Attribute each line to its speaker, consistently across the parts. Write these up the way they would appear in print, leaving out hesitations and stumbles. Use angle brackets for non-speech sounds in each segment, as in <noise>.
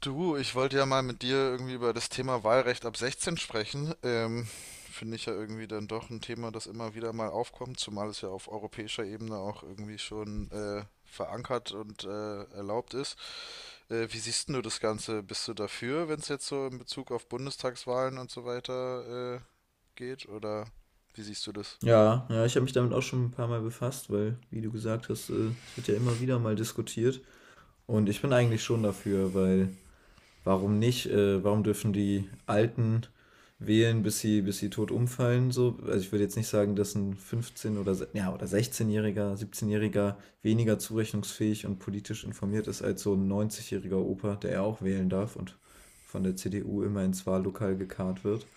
Speaker 1: Du, ich wollte ja mal mit dir irgendwie über das Thema Wahlrecht ab 16 sprechen. Finde ich ja irgendwie dann doch ein Thema, das immer wieder mal aufkommt, zumal es ja auf europäischer Ebene auch irgendwie schon verankert und erlaubt ist. Wie siehst denn du das Ganze? Bist du dafür, wenn es jetzt so in Bezug auf Bundestagswahlen und so weiter geht? Oder wie siehst du das?
Speaker 2: Ja, ja, ich habe mich damit auch schon ein paar Mal befasst, weil, wie du gesagt hast, es wird ja immer wieder mal diskutiert. Und ich bin eigentlich schon dafür, weil warum nicht? Warum dürfen die Alten wählen, bis sie tot umfallen? So? Also ich würde jetzt nicht sagen, dass ein 15- oder 16-Jähriger, 17-Jähriger weniger zurechnungsfähig und politisch informiert ist als so ein 90-jähriger Opa, der ja auch wählen darf und von der CDU immer ins Wahllokal gekarrt wird.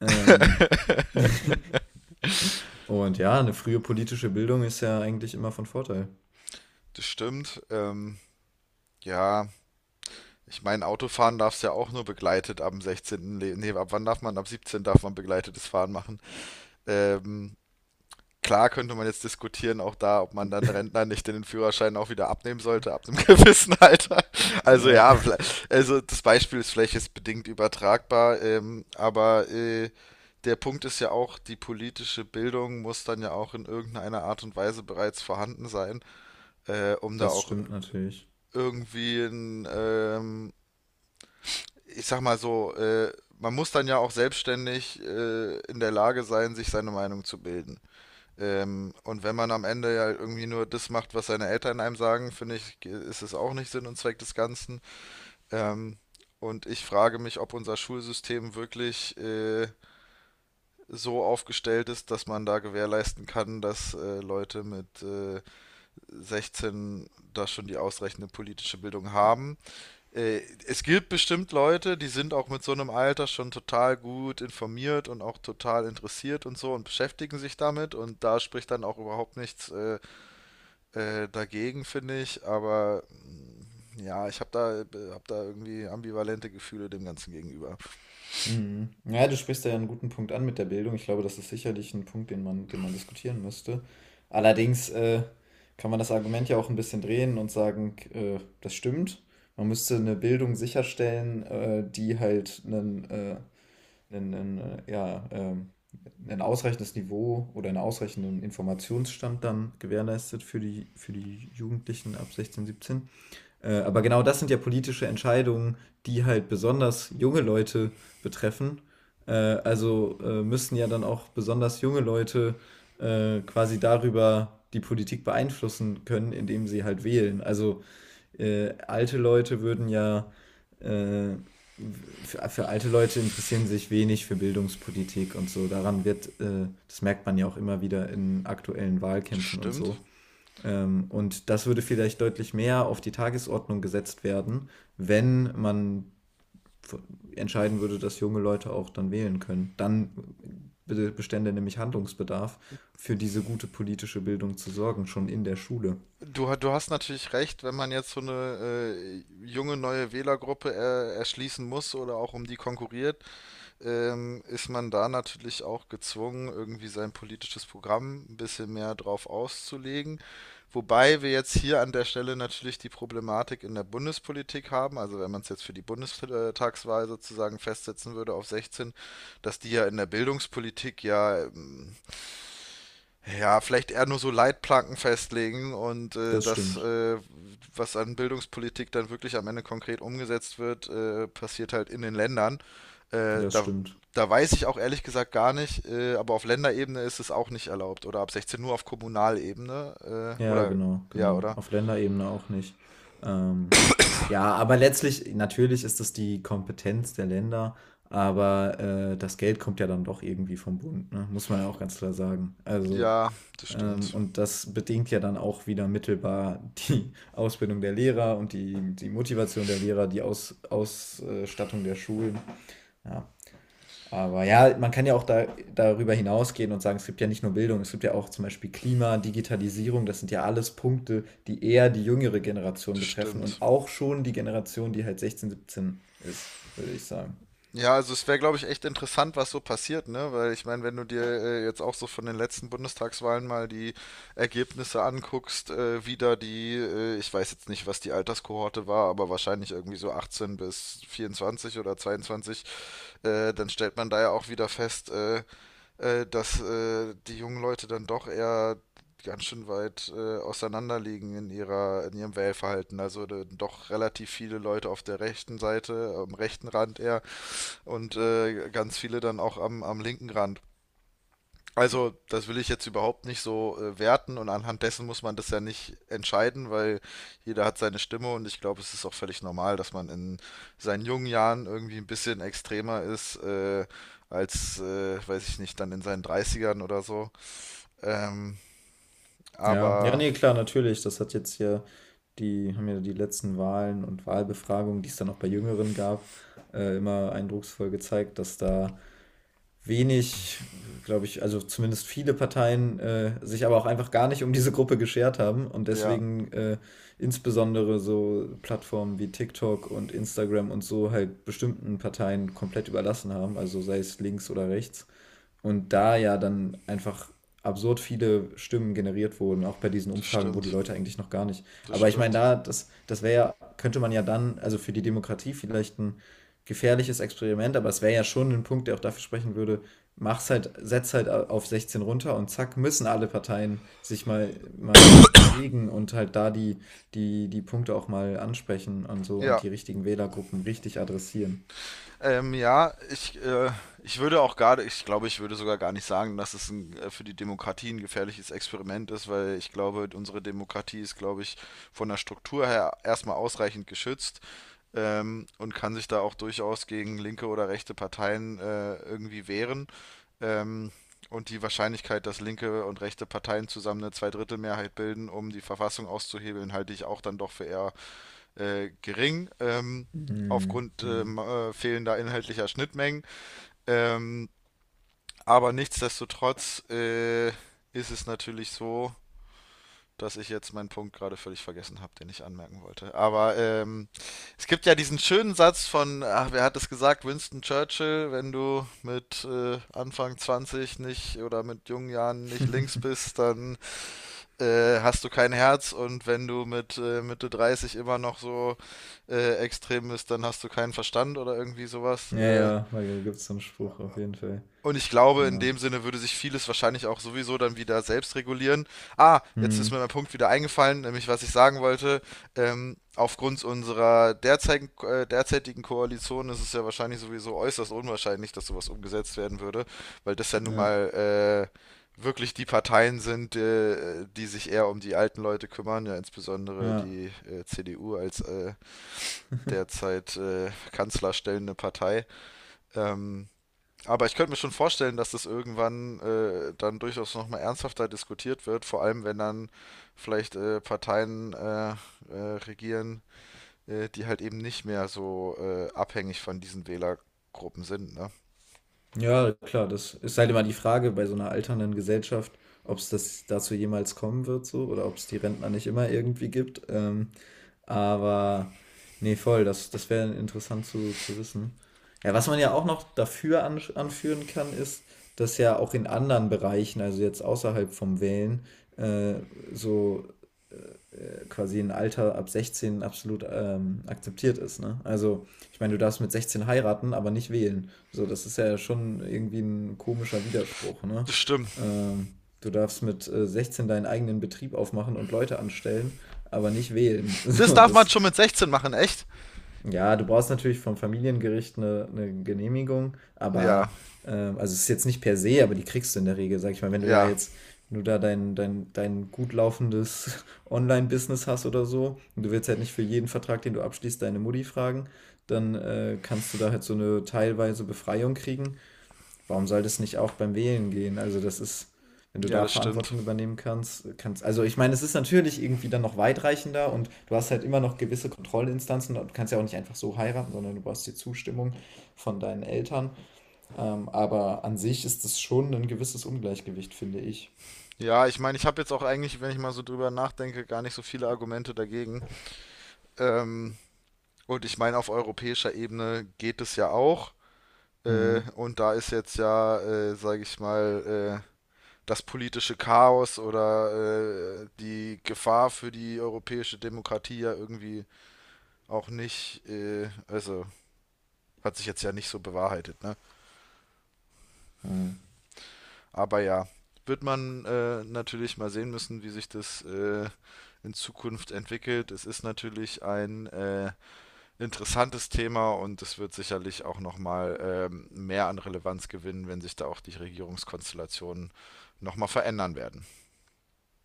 Speaker 2: Ähm, <laughs> Und ja, eine frühe politische Bildung ist ja eigentlich immer von Vorteil.
Speaker 1: Das stimmt. Ja, ich meine, Autofahren darfst du ja auch nur begleitet ab dem 16. Nee, ab wann darf man? Ab 17 darf man begleitetes Fahren machen. Ähm, klar könnte man jetzt diskutieren, auch da, ob man dann Rentner nicht den Führerschein auch wieder abnehmen sollte, ab einem <laughs> gewissen Alter. Also
Speaker 2: Ja,
Speaker 1: ja,
Speaker 2: <laughs>
Speaker 1: also das Beispiel ist vielleicht jetzt bedingt übertragbar, aber der Punkt ist ja auch, die politische Bildung muss dann ja auch in irgendeiner Art und Weise bereits vorhanden sein, um da
Speaker 2: das
Speaker 1: auch
Speaker 2: stimmt natürlich.
Speaker 1: irgendwie ich sag mal so, man muss dann ja auch selbstständig in der Lage sein, sich seine Meinung zu bilden. Und wenn man am Ende ja irgendwie nur das macht, was seine Eltern einem sagen, finde ich, ist es auch nicht Sinn und Zweck des Ganzen. Ähm, und ich frage mich, ob unser Schulsystem wirklich so aufgestellt ist, dass man da gewährleisten kann, dass Leute mit 16 da schon die ausreichende politische Bildung haben. Äh, es gibt bestimmt Leute, die sind auch mit so einem Alter schon total gut informiert und auch total interessiert und so und beschäftigen sich damit. Und da spricht dann auch überhaupt nichts dagegen, finde ich, aber ja, ich hab da irgendwie ambivalente Gefühle dem Ganzen gegenüber.
Speaker 2: Mhm. Ja, du sprichst da ja einen guten Punkt an mit der Bildung. Ich glaube, das ist sicherlich ein Punkt, den man diskutieren müsste. Allerdings, kann man das Argument ja auch ein bisschen drehen und sagen, das stimmt. Man müsste eine Bildung sicherstellen, die halt ein ein ausreichendes Niveau oder einen ausreichenden Informationsstand dann gewährleistet für die Jugendlichen ab 16, 17. Aber genau das sind ja politische Entscheidungen, die halt besonders junge Leute betreffen. Also müssen ja dann auch besonders junge Leute quasi darüber die Politik beeinflussen können, indem sie halt wählen. Also alte Leute würden ja, äh, für alte Leute interessieren sich wenig für Bildungspolitik und so. Daran wird, das merkt man ja auch immer wieder in aktuellen
Speaker 1: Das
Speaker 2: Wahlkämpfen und
Speaker 1: stimmt.
Speaker 2: so. Und das würde vielleicht deutlich mehr auf die Tagesordnung gesetzt werden, wenn man f- entscheiden würde, dass junge Leute auch dann wählen können. Dann bestände nämlich Handlungsbedarf, für diese gute politische Bildung zu sorgen, schon in der Schule.
Speaker 1: Du, du hast natürlich recht, wenn man jetzt so eine junge neue Wählergruppe erschließen muss oder auch um die konkurriert, ist man da natürlich auch gezwungen, irgendwie sein politisches Programm ein bisschen mehr drauf auszulegen. Wobei wir jetzt hier an der Stelle natürlich die Problematik in der Bundespolitik haben, also wenn man es jetzt für die Bundestagswahl sozusagen festsetzen würde auf 16, dass die ja in der Bildungspolitik ja ja, vielleicht eher nur so Leitplanken festlegen und
Speaker 2: Das stimmt.
Speaker 1: was an Bildungspolitik dann wirklich am Ende konkret umgesetzt wird, passiert halt in den Ländern. Äh,
Speaker 2: Das
Speaker 1: da,
Speaker 2: stimmt.
Speaker 1: da weiß ich auch ehrlich gesagt gar nicht, aber auf Länderebene ist es auch nicht erlaubt oder ab 16 nur auf Kommunalebene
Speaker 2: Ja, genau, genau.
Speaker 1: oder?
Speaker 2: Auf Länderebene auch nicht. Ähm, ja, aber letztlich, natürlich ist das die Kompetenz der Länder, aber das Geld kommt ja dann doch irgendwie vom Bund, ne? Muss man ja auch ganz klar sagen. Also,
Speaker 1: Ja, das stimmt.
Speaker 2: und das bedingt ja dann auch wieder mittelbar die <laughs> Ausbildung der Lehrer und die Motivation der Lehrer, die Ausstattung der Schulen. Ja, aber ja, man kann ja auch darüber hinausgehen und sagen, es gibt ja nicht nur Bildung, es gibt ja auch zum Beispiel Klima, Digitalisierung, das sind ja alles Punkte, die eher die jüngere Generation
Speaker 1: Das
Speaker 2: betreffen und
Speaker 1: stimmt.
Speaker 2: auch schon die Generation, die halt 16, 17 ist, würde ich sagen.
Speaker 1: Ja, also es wäre, glaube ich, echt interessant, was so passiert, ne? Weil ich meine, wenn du dir jetzt auch so von den letzten Bundestagswahlen mal die Ergebnisse anguckst, wie da die, ich weiß jetzt nicht, was die Alterskohorte war, aber wahrscheinlich irgendwie so 18 bis 24 oder 22, dann stellt man da ja auch wieder fest, dass die jungen Leute dann doch eher ganz schön weit auseinander liegen in ihrem Wählverhalten. Also doch relativ viele Leute auf der rechten Seite, am rechten Rand eher, und ganz viele dann auch am linken Rand. Also, das will ich jetzt überhaupt nicht so werten und anhand dessen muss man das ja nicht entscheiden, weil jeder hat seine Stimme und ich glaube, es ist auch völlig normal, dass man in seinen jungen Jahren irgendwie ein bisschen extremer ist als, weiß ich nicht, dann in seinen Dreißigern oder so. Ähm,
Speaker 2: Ja, ja,
Speaker 1: aber
Speaker 2: nee, klar, natürlich. Das hat jetzt hier haben ja die letzten Wahlen und Wahlbefragungen, die es dann auch bei Jüngeren gab, immer eindrucksvoll gezeigt, dass da wenig, glaube ich, also zumindest viele Parteien sich aber auch einfach gar nicht um diese Gruppe geschert haben und
Speaker 1: ja,
Speaker 2: deswegen insbesondere so Plattformen wie TikTok und Instagram und so halt bestimmten Parteien komplett überlassen haben, also sei es links oder rechts. Und da ja dann einfach absurd viele Stimmen generiert wurden, auch bei diesen
Speaker 1: das
Speaker 2: Umfragen, wo die
Speaker 1: stimmt,
Speaker 2: Leute eigentlich noch gar nicht.
Speaker 1: das
Speaker 2: Aber ich meine,
Speaker 1: stimmt.
Speaker 2: das wäre ja, könnte man ja dann, also für die Demokratie vielleicht ein gefährliches Experiment, aber es wäre ja schon ein Punkt, der auch dafür sprechen würde, mach's halt, setz halt auf 16 runter und zack, müssen alle Parteien sich mal bewegen und halt da die Punkte auch mal ansprechen und so und
Speaker 1: Ja,
Speaker 2: die richtigen Wählergruppen richtig adressieren.
Speaker 1: Ja, ich würde auch gar, ich glaube, ich würde sogar gar nicht sagen, dass es für die Demokratie ein gefährliches Experiment ist, weil ich glaube, unsere Demokratie ist, glaube ich, von der Struktur her erstmal ausreichend geschützt und kann sich da auch durchaus gegen linke oder rechte Parteien irgendwie wehren. Ähm, und die Wahrscheinlichkeit, dass linke und rechte Parteien zusammen eine Zweidrittelmehrheit bilden, um die Verfassung auszuhebeln, halte ich auch dann doch für eher gering,
Speaker 2: Mhm.
Speaker 1: aufgrund
Speaker 2: Mhm.
Speaker 1: fehlender inhaltlicher Schnittmengen. Ähm, aber nichtsdestotrotz ist es natürlich so, dass ich jetzt meinen Punkt gerade völlig vergessen habe, den ich anmerken wollte. Aber es gibt ja diesen schönen Satz von, ach, wer hat es gesagt, Winston Churchill, wenn du mit Anfang 20 nicht oder mit jungen Jahren nicht links bist, dann hast du kein Herz und wenn du mit Mitte 30 immer noch so extrem bist, dann hast du keinen Verstand oder irgendwie sowas.
Speaker 2: Ja,
Speaker 1: Äh,
Speaker 2: ja, da gibt's so 'n Spruch auf jeden Fall.
Speaker 1: und ich glaube, in
Speaker 2: Ja.
Speaker 1: dem Sinne würde sich vieles wahrscheinlich auch sowieso dann wieder selbst regulieren. Ah, jetzt ist mir
Speaker 2: Mhm.
Speaker 1: mein Punkt wieder eingefallen, nämlich was ich sagen wollte. Aufgrund unserer derzeitigen Koalition ist es ja wahrscheinlich sowieso äußerst unwahrscheinlich, dass sowas umgesetzt werden würde, weil das ja nun
Speaker 2: Ja,
Speaker 1: mal wirklich die Parteien sind, die sich eher um die alten Leute kümmern, ja insbesondere
Speaker 2: ja.
Speaker 1: die CDU als derzeit kanzlerstellende Partei. Ähm, aber ich könnte mir schon vorstellen, dass das irgendwann dann durchaus nochmal ernsthafter diskutiert wird, vor allem wenn dann vielleicht Parteien regieren, die halt eben nicht mehr so abhängig von diesen Wählergruppen sind, ne?
Speaker 2: Ja, klar, das ist halt immer die Frage bei so einer alternden Gesellschaft, ob es das dazu jemals kommen wird so oder ob es die Rentner nicht immer irgendwie gibt. Aber ne, voll, das wäre interessant zu wissen. Ja, was man ja auch noch dafür ansch anführen kann, ist, dass ja auch in anderen Bereichen, also jetzt außerhalb vom Wählen, äh, so quasi ein Alter ab 16 absolut akzeptiert ist. Ne? Also, ich meine, du darfst mit 16 heiraten, aber nicht wählen. So, das ist ja schon irgendwie ein komischer Widerspruch. Ne?
Speaker 1: Das stimmt.
Speaker 2: Ähm, Du darfst mit 16 deinen eigenen Betrieb aufmachen und Leute anstellen, aber nicht wählen. <laughs>
Speaker 1: Das
Speaker 2: So,
Speaker 1: darf man
Speaker 2: das
Speaker 1: schon mit 16 machen, echt?
Speaker 2: ja, du brauchst natürlich vom Familiengericht eine Genehmigung,
Speaker 1: Ja,
Speaker 2: aber also es ist jetzt nicht per se, aber die kriegst du in der Regel, sag ich mal, wenn du da
Speaker 1: ja,
Speaker 2: jetzt, wenn du da dein gut laufendes <laughs> Online-Business hast oder so, und du willst halt nicht für jeden Vertrag, den du abschließt, deine Mutti fragen, dann kannst du da halt so eine teilweise Befreiung kriegen. Warum soll das nicht auch beim Wählen gehen? Also, das ist, wenn du
Speaker 1: ja,
Speaker 2: da
Speaker 1: das stimmt.
Speaker 2: Verantwortung übernehmen kannst, also ich meine, es ist natürlich irgendwie dann noch weitreichender und du hast halt immer noch gewisse Kontrollinstanzen und du kannst ja auch nicht einfach so heiraten, sondern du brauchst die Zustimmung von deinen Eltern. Aber an sich ist das schon ein gewisses Ungleichgewicht, finde ich.
Speaker 1: Ja, ich meine, ich habe jetzt auch eigentlich, wenn ich mal so drüber nachdenke, gar nicht so viele Argumente dagegen. Ähm, und ich meine, auf europäischer Ebene geht es ja auch. Äh,
Speaker 2: Mhm.
Speaker 1: und da ist jetzt ja, sage ich mal, das politische Chaos oder die Gefahr für die europäische Demokratie ja irgendwie auch nicht, also hat sich jetzt ja nicht so bewahrheitet, ne?
Speaker 2: Mhm.
Speaker 1: Aber ja, wird man natürlich mal sehen müssen, wie sich das in Zukunft entwickelt. Es ist natürlich ein interessantes Thema und es wird sicherlich auch nochmal mehr an Relevanz gewinnen, wenn sich da auch die Regierungskonstellationen nochmal verändern werden.